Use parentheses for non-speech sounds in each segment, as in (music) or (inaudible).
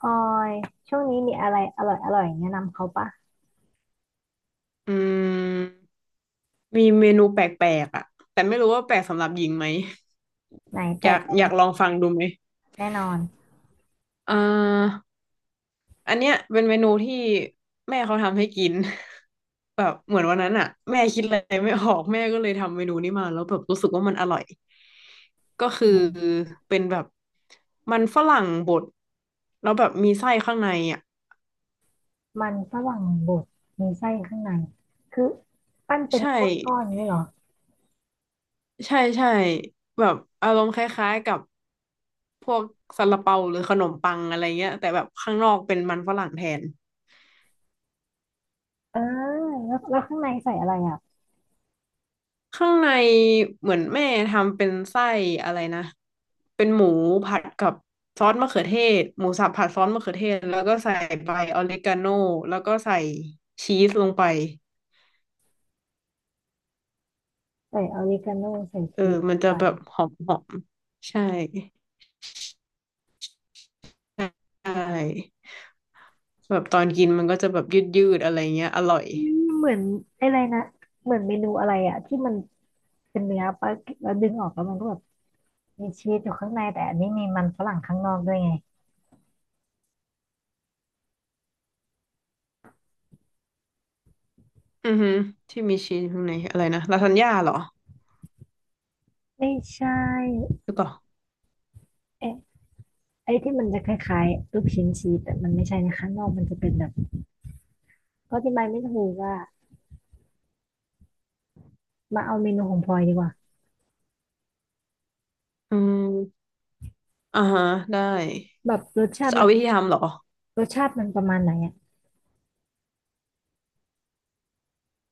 ออยช่วงนี้มีอะไรอร่อยอร่อยแนะนำเขาปะอืมมีเมนูแปลกๆอ่ะแต่ไม่รู้ว่าแปลกสำหรับหญิงไหมไหนแบอยาบกประมาณลองฟังดูไหมแน่นอนอ่าอันเนี้ยเป็นเมนูที่แม่เขาทำให้กิน (laughs) แบบเหมือนวันนั้นอ่ะแม่คิดอะไรไม่ออกแม่ก็เลยทำเมนูนี้มาแล้วแบบรู้สึกว่ามันอร่อยก็คือไหนเป็นแบบมันฝรั่งบดแล้วแบบมีไส้ข้างในอ่ะมันฝรั่งบดมีไส้ข้างในคือปั้นเป็นใช่ก้อนก้อนนี้เหรอใช่ใช่แบบอารมณ์คล้ายๆกับ พวกซาลาเปาหรือขนมปังอะไรเงี้ยแต่แบบข้างนอกเป็นมันฝรั่งแทนเออแล้วข้างในใส่อะไรอ่ะข้างในเหมือนแม่ทำเป็นไส้อะไรนะเป็นหมูผัดกับซอสมะเขือเทศหมูสับผัดซอสมะเขือเทศแล้วก็ใส่ใบออริกาโนแล้วก็ใส่ชีสลงไปใส่ออริกาโนใส่เออชีสมันจะไปแบบหอมหอมใช่ใช่แบบตอนกินมันก็จะแบบยืดยืดอะไรเงี้ยอร่อยอืมเหมือนอะไรนะเหมือนเมนูอะไรอ่ะที่มันเป็นเนื้อปะแล้วดึงออกแล้วมันก็แบบมีชีสอยู่ข้างในแต่อันนี้มีมันฝรั่งข้างนอกด้วยไงอือฮึที่มีชีสข้างในอะไรนะลาซานญ่าเหรอไม่ใช่หรือเปล่าเอ๊ะไอ้ที่มันจะคล้ายๆลูกชิ้นชีสแต่มันไม่ใช่นะข้างนอกมันจะเป็นแบบ เขาอธิบายไม่ถูกอ่ะมาเอาเมนูของพลอยดีกว่าอืม อ่าฮะได้แบบรสชาจะติมัเอานวิธีทำเหรอรสชาติมันประมาณไหนอ่ะ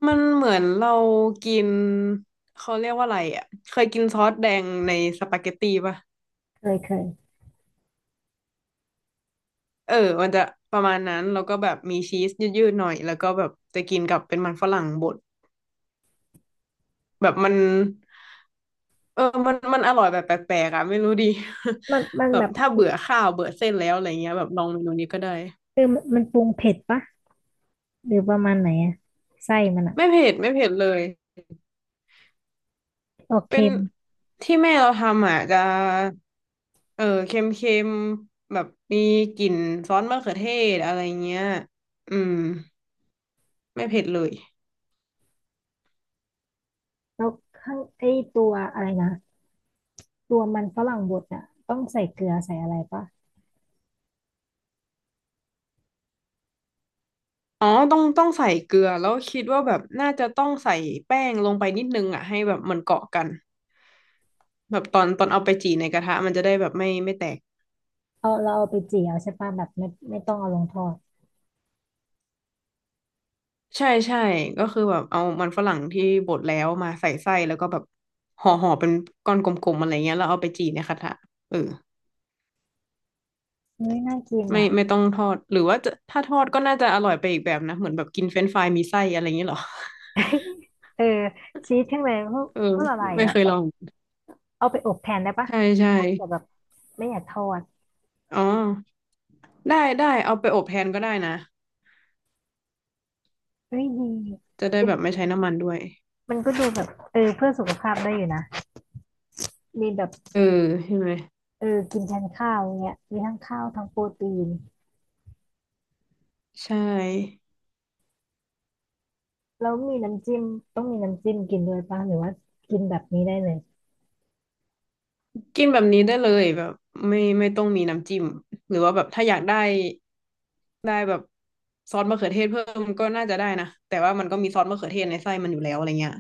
มันเหมือนเรากินเขาเรียกว่าอะไรอ่ะเคยกินซอสแดงในสปาเกตตีป่ะเคยเคยเออมันจะประมาณนั้นแล้วก็แบบมีชีสยืดๆหน่อยแล้วก็แบบจะกินกับเป็นมันฝรั่งบดแบบมันเออมันอร่อยแบบแปลกๆอ่ะไม่รู้ดี มันมัน (laughs) แบแบบบถ้าเบื่อข้าวเบื่อเส้นแล้วอะไรเงี้ยแบบลองเมนูนี้ก็ได้เออมันมันปรุงเผ็ดปะหรือประมาณไหนอ่ะไส้มันอ่ะไม่เผ็ดเลย ออกเป็นเค็มที่แม่เราทำอ่ะจะเออเค็มเค็มแบบมีกลิ่นซอสมะเขือเทศอะไรเงี้ยอืมไม่เผ็ดเลยแล้วข้างไอ้ตัวอะไรนะตัวมันฝรั่งบดอ่ะต้องใส่เกลือใส่อะไรปะอ๋อต้องใส่เกลือแล้วคิดว่าแบบน่าจะต้องใส่แป้งลงไปนิดนึงอ่ะให้แบบมันเกาะกันแบบตอนเอาไปจี่ในกระทะมันจะได้แบบไม่แตกเอาเราเอาไปเจียวใช่ปะแบบไม่ต้องเอาลงทอดใช่ใช่ก็คือแบบเอามันฝรั่งที่บดแล้วมาใส่ไส้แล้วก็แบบห่อเป็นก้อนกลมๆอะไรเงี้ยแล้วเอาไปจี่ในกระทะเออ เฮ้ยน่ากินไม่อ่ะ ต้องทอดหรือว่าจะถ้าทอดก็น่าจะอร่อยไปอีกแบบนะเหมือนแบบกินเฟรนช์ฟรายมีไส้อะไรอย่างเงี้ยเหรอ (laughs) (laughs) เออชีสทั้งเลยพวกเออพวกละลายไม่อ่ะเคยลองเอาไปอบแทนได้ปะใช่ใช่ถ้าเกิดแบบไม่อยากทอดอ๋อได้ได้เอาไปอบแทนก็ได้นะเฮ้ยดี จะได้แบบไม่ใช้น้ำมันด้วยมันก็ดูแบบเออเพื่อสุขภาพได้อยู่นะมีแบบเออใช่ไหมเออกินแทนข้าวเงี้ยมีทั้งข้าวทั้งโปรตีนใช่แล้วมีน้ำจิ้มต้องมีน้ำจิ้มกินด้วยป่ะหรือว่ากินแบบนี้ได้เลยกินแบบนี้ได้เลยแบบไม่ต้องมีน้ำจิ้มหรือว่าแบบถ้าอยากได้ได้แบบซอสมะเขือเทศเพิ่มก็น่าจะได้นะแต่ว่ามันก็มีซอสมะเขือเทศในไส้มันอยู่แล้วอะไรเงี้ย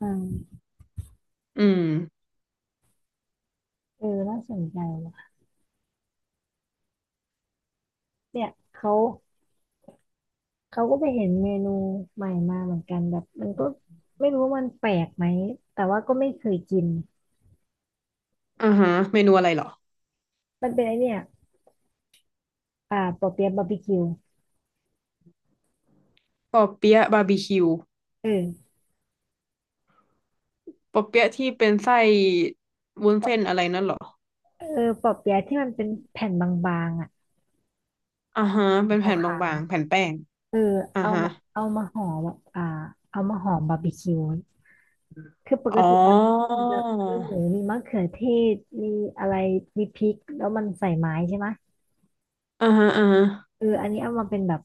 อืมอืมเออน่าสนใจว่ะเนี่ยเขาเขาก็ไปเห็นเมนูใหม่มาเหมือนกันแบบมันก็ไม่รู้ว่ามันแปลกไหมแต่ว่าก็ไม่เคยกินอ่าฮะเมนูอะไรเหรอมันเป็นไอเนี่ยอ่าปอเปี๊ยะบาร์บีคิวปอเปี๊ยะบาร์บีคิว เออปอเปี๊ยะที่เป็นไส้วุ้นเส้นอะไรนั่นเหรอเออปอเปี๊ยะที่มันเป็นแผ่นบางๆอ่ะอ่าฮะเป็นแผ่นขาว บางๆแผ่นแป้งเอออ่าเอาฮะมาเอามาห่อแบบอ่าเอามาห่อบาร์บีคิวคือปกอ๋อติบาร์บีคิวมันจะมีหมูมีมะเขือเทศมีอะไรมีพริกแล้วมันใส่ไม้ใช่ไหมอ่าฮะอ่าฮะเอออันนี้เอามาเป็นแบบ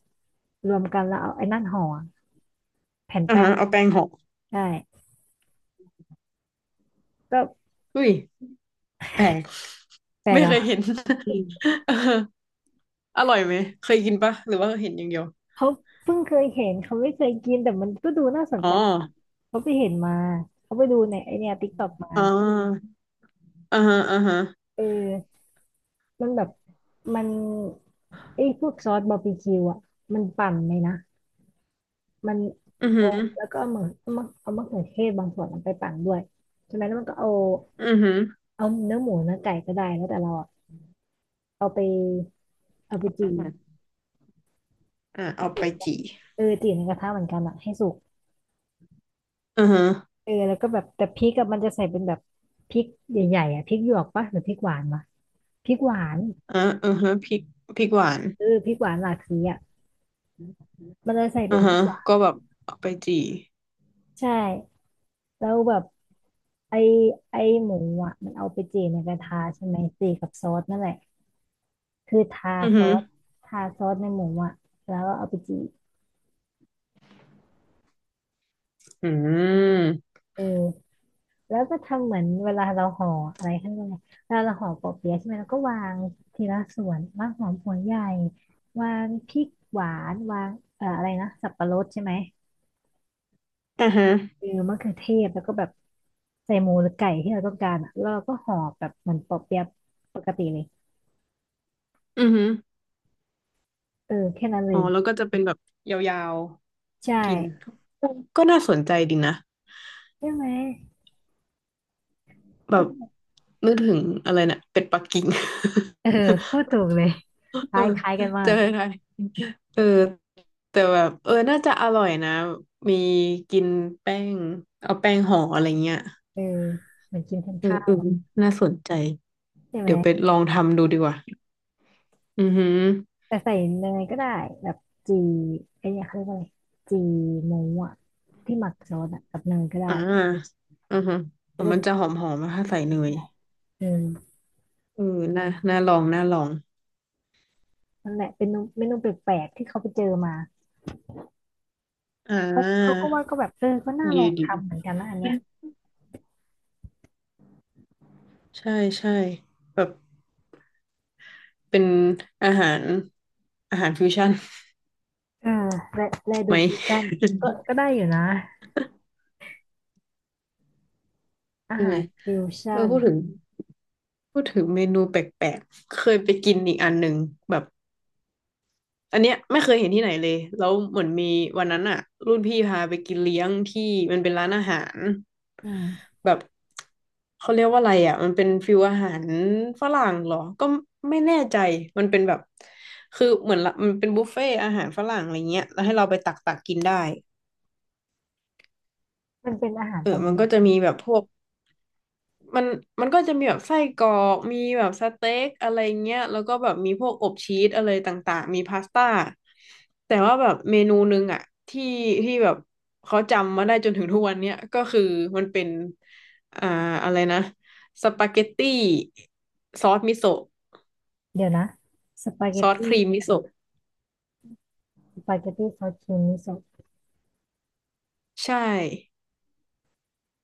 รวมกันแล้วเอาไอ้นั่นห่อแผ่นอ่าแป้งฮะเอาแป้งห่อได้ก็อุ้ยแปลกแปลกไม่เคยเห็อ่ะนอืมเอออร่อยไหมเคยกินปะหรือว่าเห็นอย่างเดียวเขาเพิ่งเคยเห็นเขาไม่เคยกินแต่มันก็ดูน่าสนอ๋อใจเขาไปเห็นมาเขาไปดูในไอเนี่ยติ๊กต็อกมาอ่าอ่าฮะอ่าฮะเออมันแบบมันไอ้พวกซอสบาร์บีคิวอ่ะมันปั่นเลยนะ มันอือหืเอาอแล้วก็เอามะเขือเทศบางส่วนเอาไปปั่นด้วยใช่ไหมแล้วมันก็เอาอือหือเอาเนื้อหมูเนื้อไก่ก็ได้แล้วแต่เราอะเอาไปเอาไปอือจี่หืออ่าเอาไปจี่จี่เออจี่ในกระทะเหมือนกันอะให้สุกอือฮะเออแล้วก็แบบแต่พริกอะมันจะใส่เป็นแบบพริกใหญ่ๆอะพริกหยวกปะหรือพริกหวานวะพริกหวานอ่าอือฮะพริกหวานเออพริกหวานหลากสีอะมันจะใส่เป็อืนอพริฮะกหวาก็นแบบเอาไปจี่ใช่แล้วแบบไอไอหมูอะมันเอาไปจี่ในกระทะใช่ไหมจี่กับซอสนั่นแหละ คืออือซหืออสทาซอสในหมูอ่ะแล้วก็เอาไปจีบอืมเออแล้วก็ทำเหมือนเวลาเราห่ออะไรข้างในเวลาเราห่อปอเปี๊ยะใช่ไหมเราก็วางทีละส่วนวางหอมหัวใหญ่วางพริกหวานวางอะไรนะสับปะรดใช่ไหมอ่อฮะ เออมะเขือเทศแล้วก็แบบใส่หมูหรือไก่ที่เราต้องการอ่ะแล้วเราก็ห่อแบบเหมือนปอเปี๊ยะปกติเลยอือหือเออแค่นั้นเลอ๋อยแล้วก็จะเป็นแบบยาวใช่ๆกิน ก็น่าสนใจดีนะใช่ไหมแบต้บนนึกถึงอะไรนะเป็ดปักกิ่ง (laughs) เออพูดถูกเลยคเออ ล้ายคล้ายกันมาเจอกไทยเออแต่แบบเออน่าจะอร่อยนะมีกินแป้งเอาแป้งห่ออะไรเงี้ยเออเหมือนกินทั้งเออข้าเออว น่าสนใจ ใช่ไหมเดี๋ยวไปลองทำดูดีกว่าอือหือแต่ใส่เนยก็ได้แบบจีไอ้เนี่ยเขาเรียกว่าอะไรจีหมูอ่ะที่หมักซอสอะกับเนยก็ได้อ่าอือหือจะอ๋อได้มันแบบจะหอมหอมถ้าใส่เนยได้เออเออน่าลองน่าลองนั่นแหละเป็นเมนูเมนูแปลกๆที่เขาไปเจอมาอ่เขาเขาก็าว่าก็แบบเออก็น่าลดีองดี ทำเหมือนกันนะอันเนี้ยใช่ใช่แบบเป็นอาหารฟิวชั่นเออและและดูไหม ฟิวชั่นก็ก็ได้ (laughs) อยู่นะอาใช่ไหหามรฟิวเอชั่อนพูดถึงเมนูแปลกๆเคยไปกินอีกอันหนึ่งแบบอันเนี้ยไม่เคยเห็นที่ไหนเลยแล้วเหมือนมีวันนั้นอะรุ่นพี่พาไปกินเลี้ยงที่มันเป็นร้านอาหารอืมแบบเขาเรียกว่าอะไรอะมันเป็นฟิวอาหารฝรั่งเหรอก็ไม่แน่ใจมันเป็นแบบคือเหมือนละมันเป็นบุฟเฟ่อาหารฝรั่งอะไรเงี้ยแล้วให้เราไปตักกินได้ มันเป็นอาหารเออประมัมานณไหก็จะนมีแบบพวกมันก็จะมีแบบไส้กรอกมีแบบสเต็กอะไรเงี้ยแล้วก็แบบมีพวกอบชีสอะไรต่างๆ มีพาสต้า แต่ว่าแบบเมนูหนึงอะที่แบบเขาจำมาได้จนถึงทุกวันเนี้ยก็คือมันเป็นอ่าอะไรนะสปาเกตตี้ซอสมิโซะเดี๋ยวนะสปาเกซตอสตี้ครีมมิโซะสปาเกตตี้ซอสครีมมิโซะใช่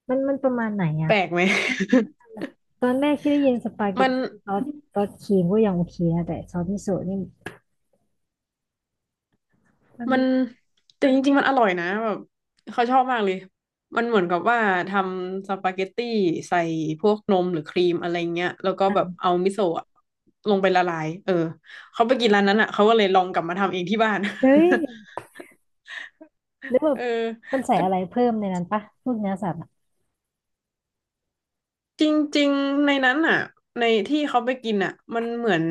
มันมันประมาณไหนแปอะ ลกไหม (laughs) ตอนแรกที่ได้ยินสปาเกมัตน ตี้ซอสซอสครีมก็ยังโอเคนะแต่ซอสมิโซะนี่มันมันแต่จริงๆมันอร่อยนะแบบเขาชอบมากเลยมันเหมือนกับว่าทำสปาเกตตี้ใส่พวกนมหรือครีมอะไรเงี้ยแล้วก็อ่ะแบบเอามิโซะอะลงไปละลายเออเขาไปกินร้านนั้นอ่ะเขาก็เลยลองกลับมาทำเองที่บ้าน เฮ้ยหรือ (laughs) แบเอบอมันใส่ก็อะไรเพิ่มในนั้นปะพวกเนื้อสัตว์อะจริงๆในนั้นอ่ะในที่เขาไปกินอ่ะมันเหมือน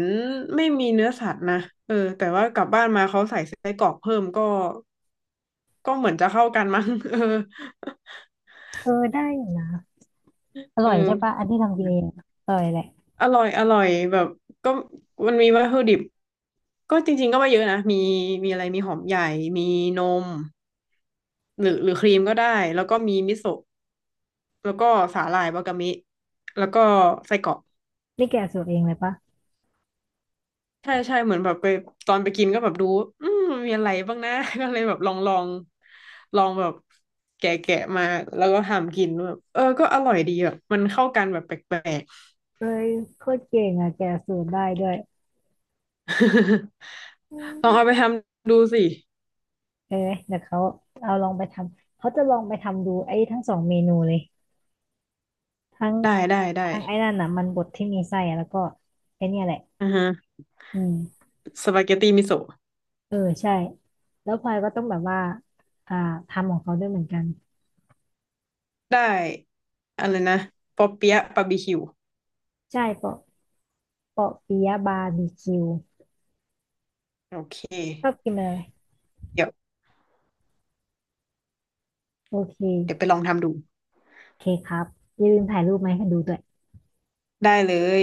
ไม่มีเนื้อสัตว์นะเออแต่ว่ากลับบ้านมาเขาใส่ไส้กรอกเพิ่มก็เหมือนจะเข้ากันมั้ง (laughs) เออเออได้อยู่นะอเอร่อยใช่ปะอันที่ทำกินเออ งอะอร่อยแหละอร่อยอร่อยแบบก็มันมีวัตถุดิบก็จริงๆก็ไม่เยอะนะมีอะไรมีหอมใหญ่มีนมหรือครีมก็ได้แล้วก็มีมิโซะแล้วก็สาหร่ายวากามิแล้วก็ไส้กรอกนี่แกะสูตรเองเลยปะใช่ใช่เหมือนแบบไปตอนไปกินก็แบบดูอืมมีอะไรบ้างนะ (laughs) ก็เลยแบบลองลองลองแบบแกะมาแล้วก็ทำกินแบบเออก็อร่อยดีแบบมันเข้ากันแบบแปลกเอ้ยโคตรเก่งอ่ะแกะสูตรได้ด้วยอืๆ (laughs) ลอมงเอาไปทำดูสิเออเดี๋ยวเขาเอาลองไปทำเขาจะลองไปทำดูไอ้ทั้งสองเมนูเลยทั้งได้ได้ได้ทั้งไอ้นั่นน่ะมันบดที่มีไส้อะแล้วก็ไอ้เนี่ยแหละอือฮะ อืม สปาเกตตีมิโซะเออใช่แล้วพลอยก็ต้องแบบว่าอ่าทำของเขาด้วยเหมือนกันได้อะไรนะปอเปี๊ยะบาร์บีคิวใช่เปาะเปาะปิยะบาร์บีคิวโอเคชอบกินอะไรเดี๋ยวโอเคไปลองทำดูโอเคครับอย่าลืมถ่ายรูปมาให้ดูด้วยได้เลย